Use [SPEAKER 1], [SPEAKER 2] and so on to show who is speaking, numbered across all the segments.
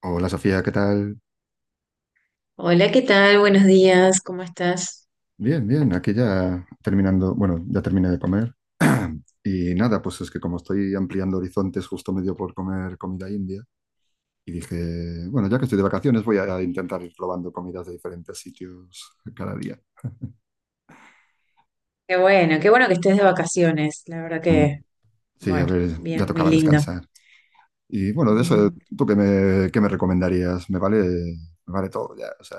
[SPEAKER 1] Hola Sofía, ¿qué tal?
[SPEAKER 2] Hola, ¿qué tal? Buenos días, ¿cómo estás?
[SPEAKER 1] Bien, bien, aquí ya terminando, bueno, ya terminé de comer y nada, pues es que como estoy ampliando horizontes, justo me dio por comer comida india y dije, bueno, ya que estoy de vacaciones voy a intentar ir probando comidas de diferentes sitios cada día.
[SPEAKER 2] Qué bueno que estés de vacaciones, la verdad
[SPEAKER 1] Mm.
[SPEAKER 2] que,
[SPEAKER 1] Sí, a
[SPEAKER 2] bueno,
[SPEAKER 1] ver, ya
[SPEAKER 2] bien, muy
[SPEAKER 1] tocaba
[SPEAKER 2] lindo.
[SPEAKER 1] descansar. Y bueno, de eso,
[SPEAKER 2] Ujú.
[SPEAKER 1] ¿tú qué me recomendarías? Me vale todo ya, o sea,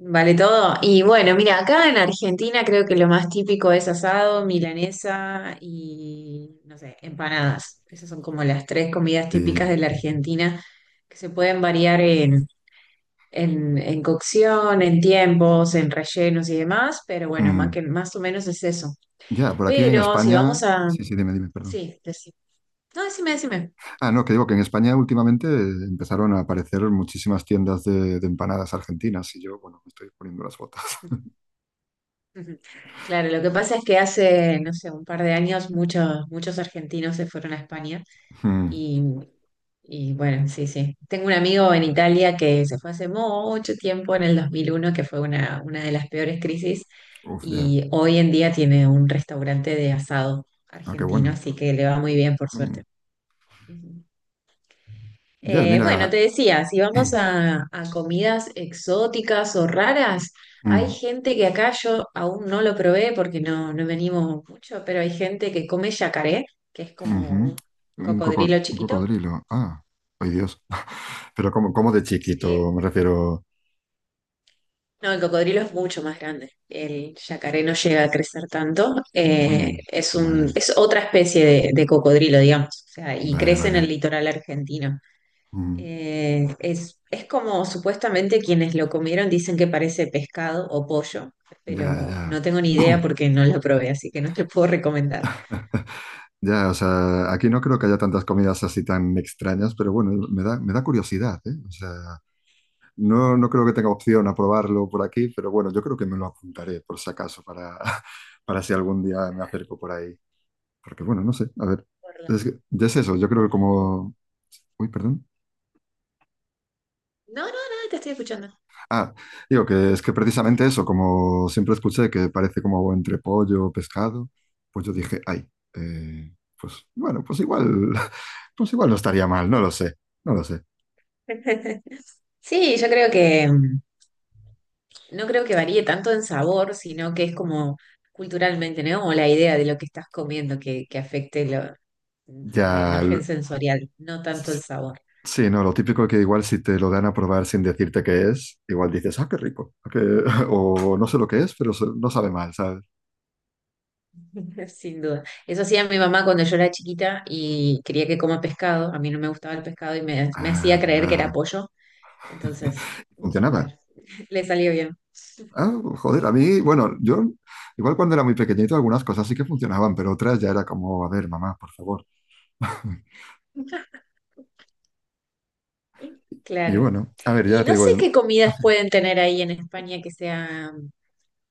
[SPEAKER 2] Vale todo. Y bueno, mira, acá en Argentina creo que lo más típico es asado, milanesa y, no sé, empanadas. Esas son como las tres comidas
[SPEAKER 1] y,
[SPEAKER 2] típicas de la Argentina que se pueden variar en cocción, en tiempos, en rellenos y demás, pero bueno, más
[SPEAKER 1] mm,
[SPEAKER 2] que, más o menos es eso.
[SPEAKER 1] ya, por aquí en
[SPEAKER 2] Pero si
[SPEAKER 1] España,
[SPEAKER 2] vamos a...
[SPEAKER 1] sí, sí, dime, dime, perdón.
[SPEAKER 2] Sí, no, decime, decime.
[SPEAKER 1] Ah, no, que digo que en España últimamente empezaron a aparecer muchísimas tiendas de empanadas argentinas y yo, bueno, me estoy poniendo las botas.
[SPEAKER 2] Ujú. Claro, lo que pasa es que hace, no sé, un par de años muchos, muchos argentinos se fueron a España
[SPEAKER 1] Mm.
[SPEAKER 2] y, y bueno, sí, sí. Tengo un amigo en Italia que se fue hace mucho tiempo, en el 2001, que fue una de las peores crisis,
[SPEAKER 1] Uf, ya.
[SPEAKER 2] y hoy en día tiene un restaurante de asado
[SPEAKER 1] Ah, qué
[SPEAKER 2] argentino,
[SPEAKER 1] bueno.
[SPEAKER 2] así que le va muy bien, por
[SPEAKER 1] Mm.
[SPEAKER 2] suerte. Ujú.
[SPEAKER 1] Ya,
[SPEAKER 2] Bueno,
[SPEAKER 1] mira.
[SPEAKER 2] te decía, si vamos a comidas exóticas o raras, hay
[SPEAKER 1] Mm,
[SPEAKER 2] gente que acá yo aún no lo probé porque no, no me animo mucho, pero hay gente que come yacaré, que es como
[SPEAKER 1] ujú.
[SPEAKER 2] un
[SPEAKER 1] Un coco-
[SPEAKER 2] cocodrilo
[SPEAKER 1] un
[SPEAKER 2] chiquito.
[SPEAKER 1] cocodrilo. Ah, ay, Dios. Pero como de
[SPEAKER 2] Sí.
[SPEAKER 1] chiquito, me refiero.
[SPEAKER 2] No, el cocodrilo es mucho más grande. El yacaré no llega a crecer tanto.
[SPEAKER 1] Mm.
[SPEAKER 2] Es un,
[SPEAKER 1] Vale,
[SPEAKER 2] es otra especie de cocodrilo, digamos. O sea, y
[SPEAKER 1] vale,
[SPEAKER 2] crece en el
[SPEAKER 1] vale.
[SPEAKER 2] litoral argentino.
[SPEAKER 1] Mm.
[SPEAKER 2] Es como supuestamente quienes lo comieron dicen que parece pescado o pollo,
[SPEAKER 1] Ya,
[SPEAKER 2] pero
[SPEAKER 1] ya.
[SPEAKER 2] no tengo ni idea porque no lo probé, así que no te puedo recomendar.
[SPEAKER 1] Ya, o sea, aquí no creo que haya tantas comidas así tan extrañas, pero bueno, me da curiosidad, ¿eh? O sea. No, no creo que tenga opción a probarlo por aquí, pero bueno, yo creo que me lo apuntaré por si acaso para, para si algún día me acerco por ahí. Porque bueno, no sé, a ver,
[SPEAKER 2] Por la-
[SPEAKER 1] ya es eso, yo creo que
[SPEAKER 2] por las dudas.
[SPEAKER 1] como... Uy, perdón.
[SPEAKER 2] No, no, no, te estoy escuchando.
[SPEAKER 1] Ah, digo que es que precisamente eso, como siempre escuché que parece como entre pollo o pescado, pues yo dije, ay, eh, pues bueno, pues igual, pues igual no estaría mal, no lo sé, no lo sé.
[SPEAKER 2] Sí, yo creo que no creo que varíe tanto en sabor, sino que es como culturalmente, ¿no? Como la idea de lo que estás comiendo que afecte
[SPEAKER 1] Ya.
[SPEAKER 2] la imagen sensorial, no tanto el sabor.
[SPEAKER 1] Sí, no, lo típico que igual si te lo dan a probar sin decirte qué es, igual dices, ah, qué rico, o no sé lo que es, pero no sabe mal, ¿sabes?
[SPEAKER 2] Sin duda. Eso hacía mi mamá cuando yo era chiquita y quería que coma pescado. A mí no me gustaba el pescado y me hacía creer
[SPEAKER 1] Anda.
[SPEAKER 2] que era pollo. Entonces, mm,
[SPEAKER 1] Funcionaba.
[SPEAKER 2] claro, le salió bien.
[SPEAKER 1] Ah, joder, a mí, bueno, yo igual cuando era muy pequeñito algunas cosas sí que funcionaban, pero otras ya era como, a ver, mamá, por favor. Y
[SPEAKER 2] Claro.
[SPEAKER 1] bueno, a ver,
[SPEAKER 2] Y
[SPEAKER 1] ya te
[SPEAKER 2] no
[SPEAKER 1] digo,
[SPEAKER 2] sé qué comidas pueden tener ahí en España que sea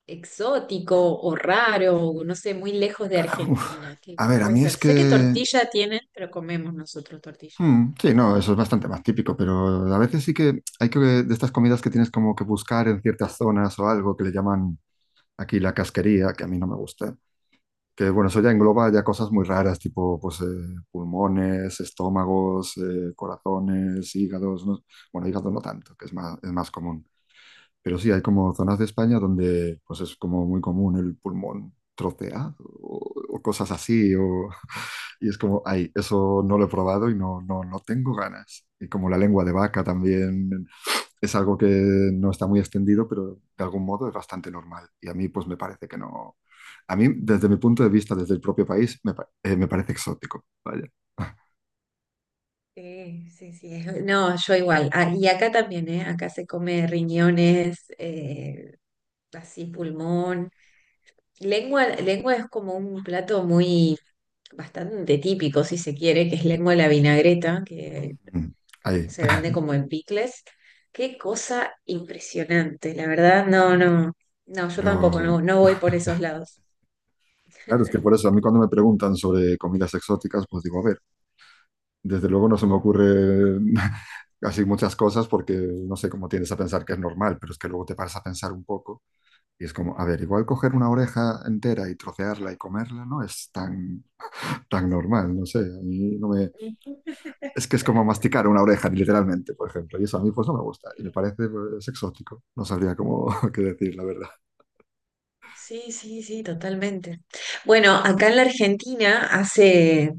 [SPEAKER 2] exótico o raro, o no sé, muy lejos de
[SPEAKER 1] uf,
[SPEAKER 2] Argentina. ¿Qué,
[SPEAKER 1] a
[SPEAKER 2] qué
[SPEAKER 1] ver, a
[SPEAKER 2] puede
[SPEAKER 1] mí
[SPEAKER 2] ser?
[SPEAKER 1] es
[SPEAKER 2] Sé que
[SPEAKER 1] que,
[SPEAKER 2] tortilla tienen, pero comemos nosotros tortilla.
[SPEAKER 1] sí, no, eso es bastante más típico, pero a veces sí que hay que, de estas comidas que tienes como que buscar en ciertas zonas o algo que le llaman aquí la casquería, que a mí no me gusta. Que bueno, eso ya engloba ya cosas muy raras, tipo pues, pulmones, estómagos, corazones, hígados, ¿no? Bueno, hígado no tanto, que es más común. Pero sí, hay como zonas de España donde pues es como muy común el pulmón troceado o cosas así. Y es como, ay, eso no lo he probado y no, no, no tengo ganas. Y como la lengua de vaca también es algo que no está muy extendido, pero de algún modo es bastante normal. Y a mí, pues me parece que no. A mí, desde mi punto de vista, desde el propio país, me parece exótico. Vaya.
[SPEAKER 2] Sí, sí, sí. No, yo igual. Ah, y acá también, ¿eh? Acá se come riñones, así pulmón. Lengua, lengua es como un plato muy, bastante típico, si se quiere, que es lengua de la vinagreta, que
[SPEAKER 1] Mm. Ahí.
[SPEAKER 2] se vende como en picles. Qué cosa impresionante, la verdad, no, no, no, yo tampoco,
[SPEAKER 1] Pero
[SPEAKER 2] no, no voy por esos lados.
[SPEAKER 1] claro, es que por eso a mí cuando me preguntan sobre comidas exóticas, pues digo, a ver, desde luego no se me ocurre así muchas cosas porque no sé cómo tiendes a pensar que es normal, pero es que luego te paras a pensar un poco y es como, a ver, igual coger una oreja entera y trocearla y comerla no es tan, tan normal, no sé, a mí no me, es que es como masticar una oreja, literalmente, por ejemplo. Y eso a mí pues no me gusta. Y me parece pues, exótico. No sabría cómo qué decir, la verdad.
[SPEAKER 2] Sí, sí, sí, totalmente. Bueno, acá en la Argentina hace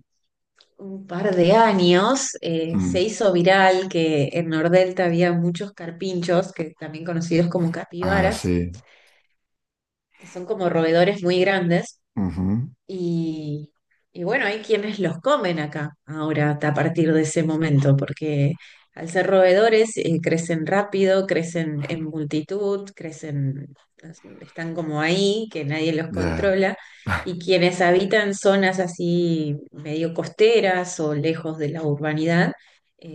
[SPEAKER 2] un par de años se
[SPEAKER 1] Mm.
[SPEAKER 2] hizo viral que en Nordelta había muchos carpinchos, que también conocidos como
[SPEAKER 1] Ah,
[SPEAKER 2] capibaras,
[SPEAKER 1] sí.
[SPEAKER 2] que son como roedores muy grandes
[SPEAKER 1] Ujú.
[SPEAKER 2] y, y bueno, hay quienes los comen acá ahora a partir de ese momento, porque al ser roedores crecen rápido, crecen en multitud, crecen, están como ahí, que nadie los
[SPEAKER 1] Ya.
[SPEAKER 2] controla. Y quienes habitan zonas así medio costeras o lejos de la urbanidad,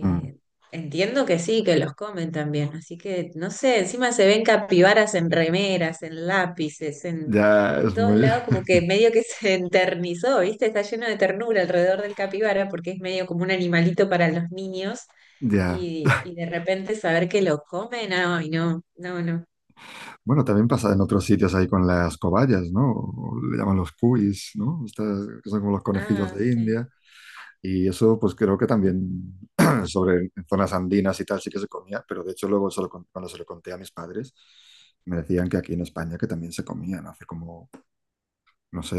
[SPEAKER 1] Mm.
[SPEAKER 2] entiendo que sí, que los comen también, así que no sé, encima se ven capibaras en remeras, en lápices, en
[SPEAKER 1] Ya,
[SPEAKER 2] en todos lados como que medio que se enternizó, ¿viste? Está lleno de ternura alrededor del capibara porque es medio como un animalito para los niños
[SPEAKER 1] Ya.
[SPEAKER 2] y de repente saber que lo comen, ay, no, no, no.
[SPEAKER 1] Bueno, también pasa en otros sitios ahí con las cobayas, ¿no? O le llaman los cuis, ¿no? Estas que son como los conejillos
[SPEAKER 2] Ah,
[SPEAKER 1] de
[SPEAKER 2] sí.
[SPEAKER 1] India. Y eso pues creo que también sobre en zonas andinas y tal sí que se comía, pero de hecho luego cuando se lo conté a mis padres, me decían que aquí en España que también se comían hace como no sé,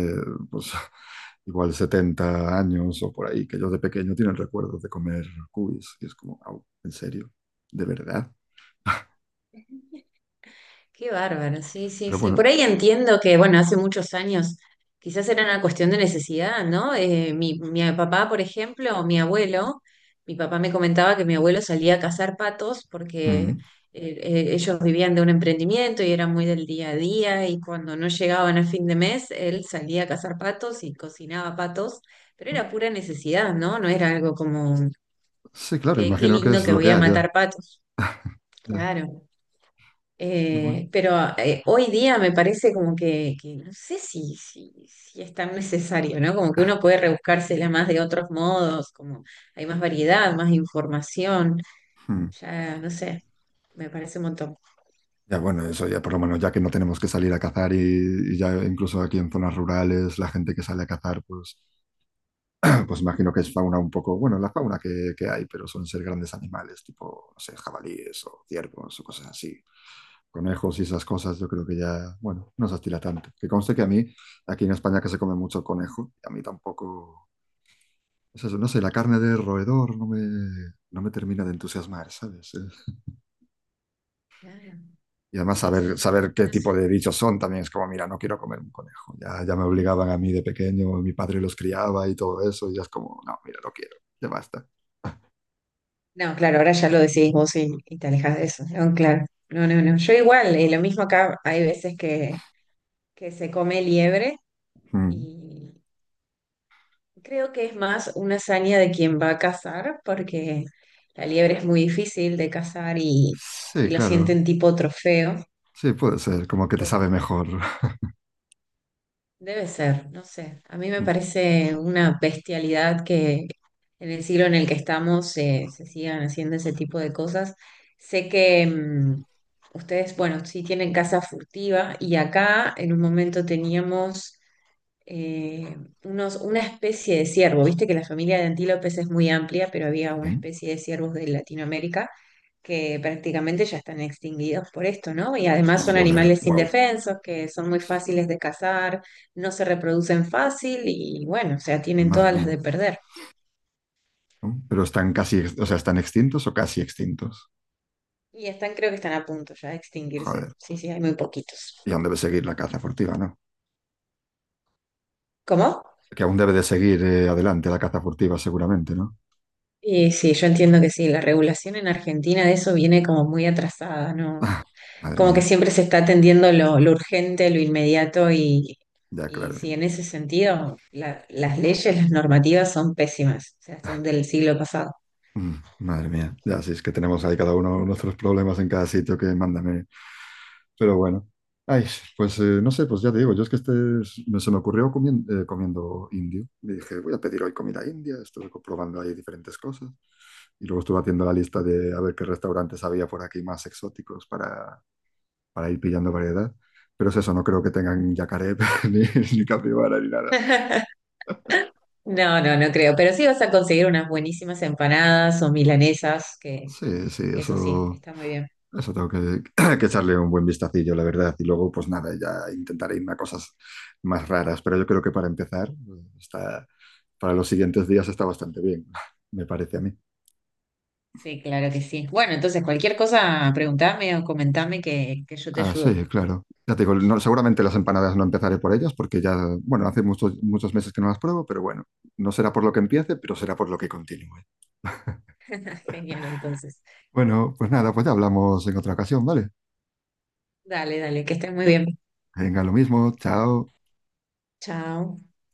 [SPEAKER 1] pues igual 70 años o por ahí, que ellos de pequeño tienen recuerdos de comer cubis. Y es como, au, ¿en serio? ¿De verdad?
[SPEAKER 2] Qué bárbaro, sí, sí,
[SPEAKER 1] Pero
[SPEAKER 2] sí.
[SPEAKER 1] bueno,
[SPEAKER 2] Por ahí entiendo que, bueno, hace muchos años quizás era una cuestión de necesidad, ¿no? Mi papá, por ejemplo, o mi abuelo, mi papá me comentaba que mi abuelo salía a cazar patos porque
[SPEAKER 1] mm,
[SPEAKER 2] ellos vivían de un emprendimiento y eran muy del día a día y cuando no llegaban a fin de mes, él salía a cazar patos y cocinaba patos, pero era pura necesidad, ¿no? No era algo como,
[SPEAKER 1] sí, claro,
[SPEAKER 2] qué, qué
[SPEAKER 1] imagino que
[SPEAKER 2] lindo
[SPEAKER 1] es
[SPEAKER 2] que
[SPEAKER 1] lo que
[SPEAKER 2] voy a
[SPEAKER 1] haya.
[SPEAKER 2] matar patos.
[SPEAKER 1] Ya,
[SPEAKER 2] Claro.
[SPEAKER 1] ya,
[SPEAKER 2] Eh,
[SPEAKER 1] bueno.
[SPEAKER 2] pero eh, hoy día me parece como que no sé si, si, si es tan necesario, ¿no? Como que uno puede rebuscársela más de otros modos, como hay más variedad, más información,
[SPEAKER 1] Mm.
[SPEAKER 2] ya no sé, me parece un montón.
[SPEAKER 1] Ya bueno, eso ya por lo menos, ya que no tenemos que salir a cazar y ya incluso aquí en zonas rurales, la gente que sale a cazar, pues, pues imagino que es fauna un poco, bueno, la fauna que hay, pero son ser grandes animales, tipo, no sé, jabalíes o ciervos o cosas así, conejos y esas cosas, yo creo que ya, bueno, no se estila tanto. Que conste que a mí, aquí en España que se come mucho conejo, a mí tampoco, es eso, no sé, la carne de roedor no me termina de entusiasmar, ¿sabes?
[SPEAKER 2] Claro,
[SPEAKER 1] Y además
[SPEAKER 2] sí,
[SPEAKER 1] saber,
[SPEAKER 2] sí,
[SPEAKER 1] saber qué
[SPEAKER 2] no
[SPEAKER 1] tipo
[SPEAKER 2] sé.
[SPEAKER 1] de bichos son también es como, mira, no quiero comer un conejo. Ya, ya me obligaban a mí de pequeño, mi padre los criaba y todo eso, y ya es como, no, mira, no quiero, ya basta.
[SPEAKER 2] No, claro, ahora ya lo decís vos y te alejas de eso, ¿no? Claro, no, no, no. Yo igual, lo mismo acá, hay veces que se come liebre.
[SPEAKER 1] Mm.
[SPEAKER 2] Creo que es más una hazaña de quien va a cazar, porque la liebre es muy difícil de cazar
[SPEAKER 1] Sí,
[SPEAKER 2] y lo
[SPEAKER 1] claro,
[SPEAKER 2] sienten tipo trofeo,
[SPEAKER 1] sí, puede ser, como que te sabe
[SPEAKER 2] pero
[SPEAKER 1] mejor.
[SPEAKER 2] debe ser, no sé. A mí me parece una bestialidad que en el siglo en el que estamos se sigan haciendo ese tipo de cosas. Sé que ustedes, bueno, sí tienen casa furtiva y acá en un momento teníamos eh, una especie de ciervo. Viste que la familia de antílopes es muy amplia, pero había una
[SPEAKER 1] Sí.
[SPEAKER 2] especie de ciervos de Latinoamérica que prácticamente ya están extinguidos por esto, ¿no? Y además son
[SPEAKER 1] Joder,
[SPEAKER 2] animales
[SPEAKER 1] wow,
[SPEAKER 2] indefensos, que son muy fáciles de cazar, no se reproducen fácil y bueno, o sea, tienen
[SPEAKER 1] madre
[SPEAKER 2] todas las
[SPEAKER 1] mía.
[SPEAKER 2] de perder.
[SPEAKER 1] ¿No? Pero están casi, o sea, están extintos o casi extintos.
[SPEAKER 2] Y están, creo que están a punto ya de extinguirse.
[SPEAKER 1] Joder.
[SPEAKER 2] Sí, sí, hay muy poquitos.
[SPEAKER 1] Y aún debe seguir la caza furtiva, ¿no?
[SPEAKER 2] ¿Cómo?
[SPEAKER 1] Que aún debe de seguir adelante la caza furtiva, seguramente, ¿no?
[SPEAKER 2] Y sí, yo entiendo que sí, la regulación en Argentina de eso viene como muy atrasada, ¿no?
[SPEAKER 1] Ah, madre
[SPEAKER 2] Como que
[SPEAKER 1] mía.
[SPEAKER 2] siempre se está atendiendo lo urgente, lo inmediato
[SPEAKER 1] Ya,
[SPEAKER 2] y
[SPEAKER 1] claro.
[SPEAKER 2] sí, en ese sentido las leyes, las normativas son pésimas, o sea, son
[SPEAKER 1] Ah.
[SPEAKER 2] del siglo pasado.
[SPEAKER 1] Mm. Madre mía, ya sí, es que tenemos ahí cada uno nuestros problemas en cada sitio que mándame. Pero bueno, ay, pues no sé, pues ya te digo, yo es que este se me ocurrió comiendo indio. Y dije, voy a pedir hoy comida india, estuve probando ahí diferentes cosas. Y luego estuve haciendo la lista de a ver qué restaurantes había por aquí más exóticos para ir pillando variedad. Pero es eso, no creo que tengan yacaré ni, ni capibara ni nada.
[SPEAKER 2] No, no, no creo, pero sí vas a conseguir unas buenísimas empanadas o milanesas,
[SPEAKER 1] Sí, sí,
[SPEAKER 2] que eso sí,
[SPEAKER 1] eso,
[SPEAKER 2] está muy bien.
[SPEAKER 1] tengo que, que echarle un buen vistacillo, la verdad. Y luego, pues nada, ya intentaré irme a cosas más raras. Pero yo creo que para empezar, está, para los siguientes días está bastante bien, me parece a mí.
[SPEAKER 2] Sí, claro que sí. Bueno, entonces cualquier cosa, preguntame o comentame que yo te
[SPEAKER 1] Ah, sí,
[SPEAKER 2] ayudo.
[SPEAKER 1] claro. Ya te digo, seguramente las empanadas no empezaré por ellas porque ya, bueno, hace muchos, muchos meses que no las pruebo, pero bueno, no será por lo que empiece, pero será por lo que continúe.
[SPEAKER 2] Genial, entonces.
[SPEAKER 1] Bueno, pues nada, pues ya hablamos en otra ocasión, ¿vale?
[SPEAKER 2] Dale, dale, que estés muy bien.
[SPEAKER 1] Venga, lo mismo, chao.
[SPEAKER 2] Chao.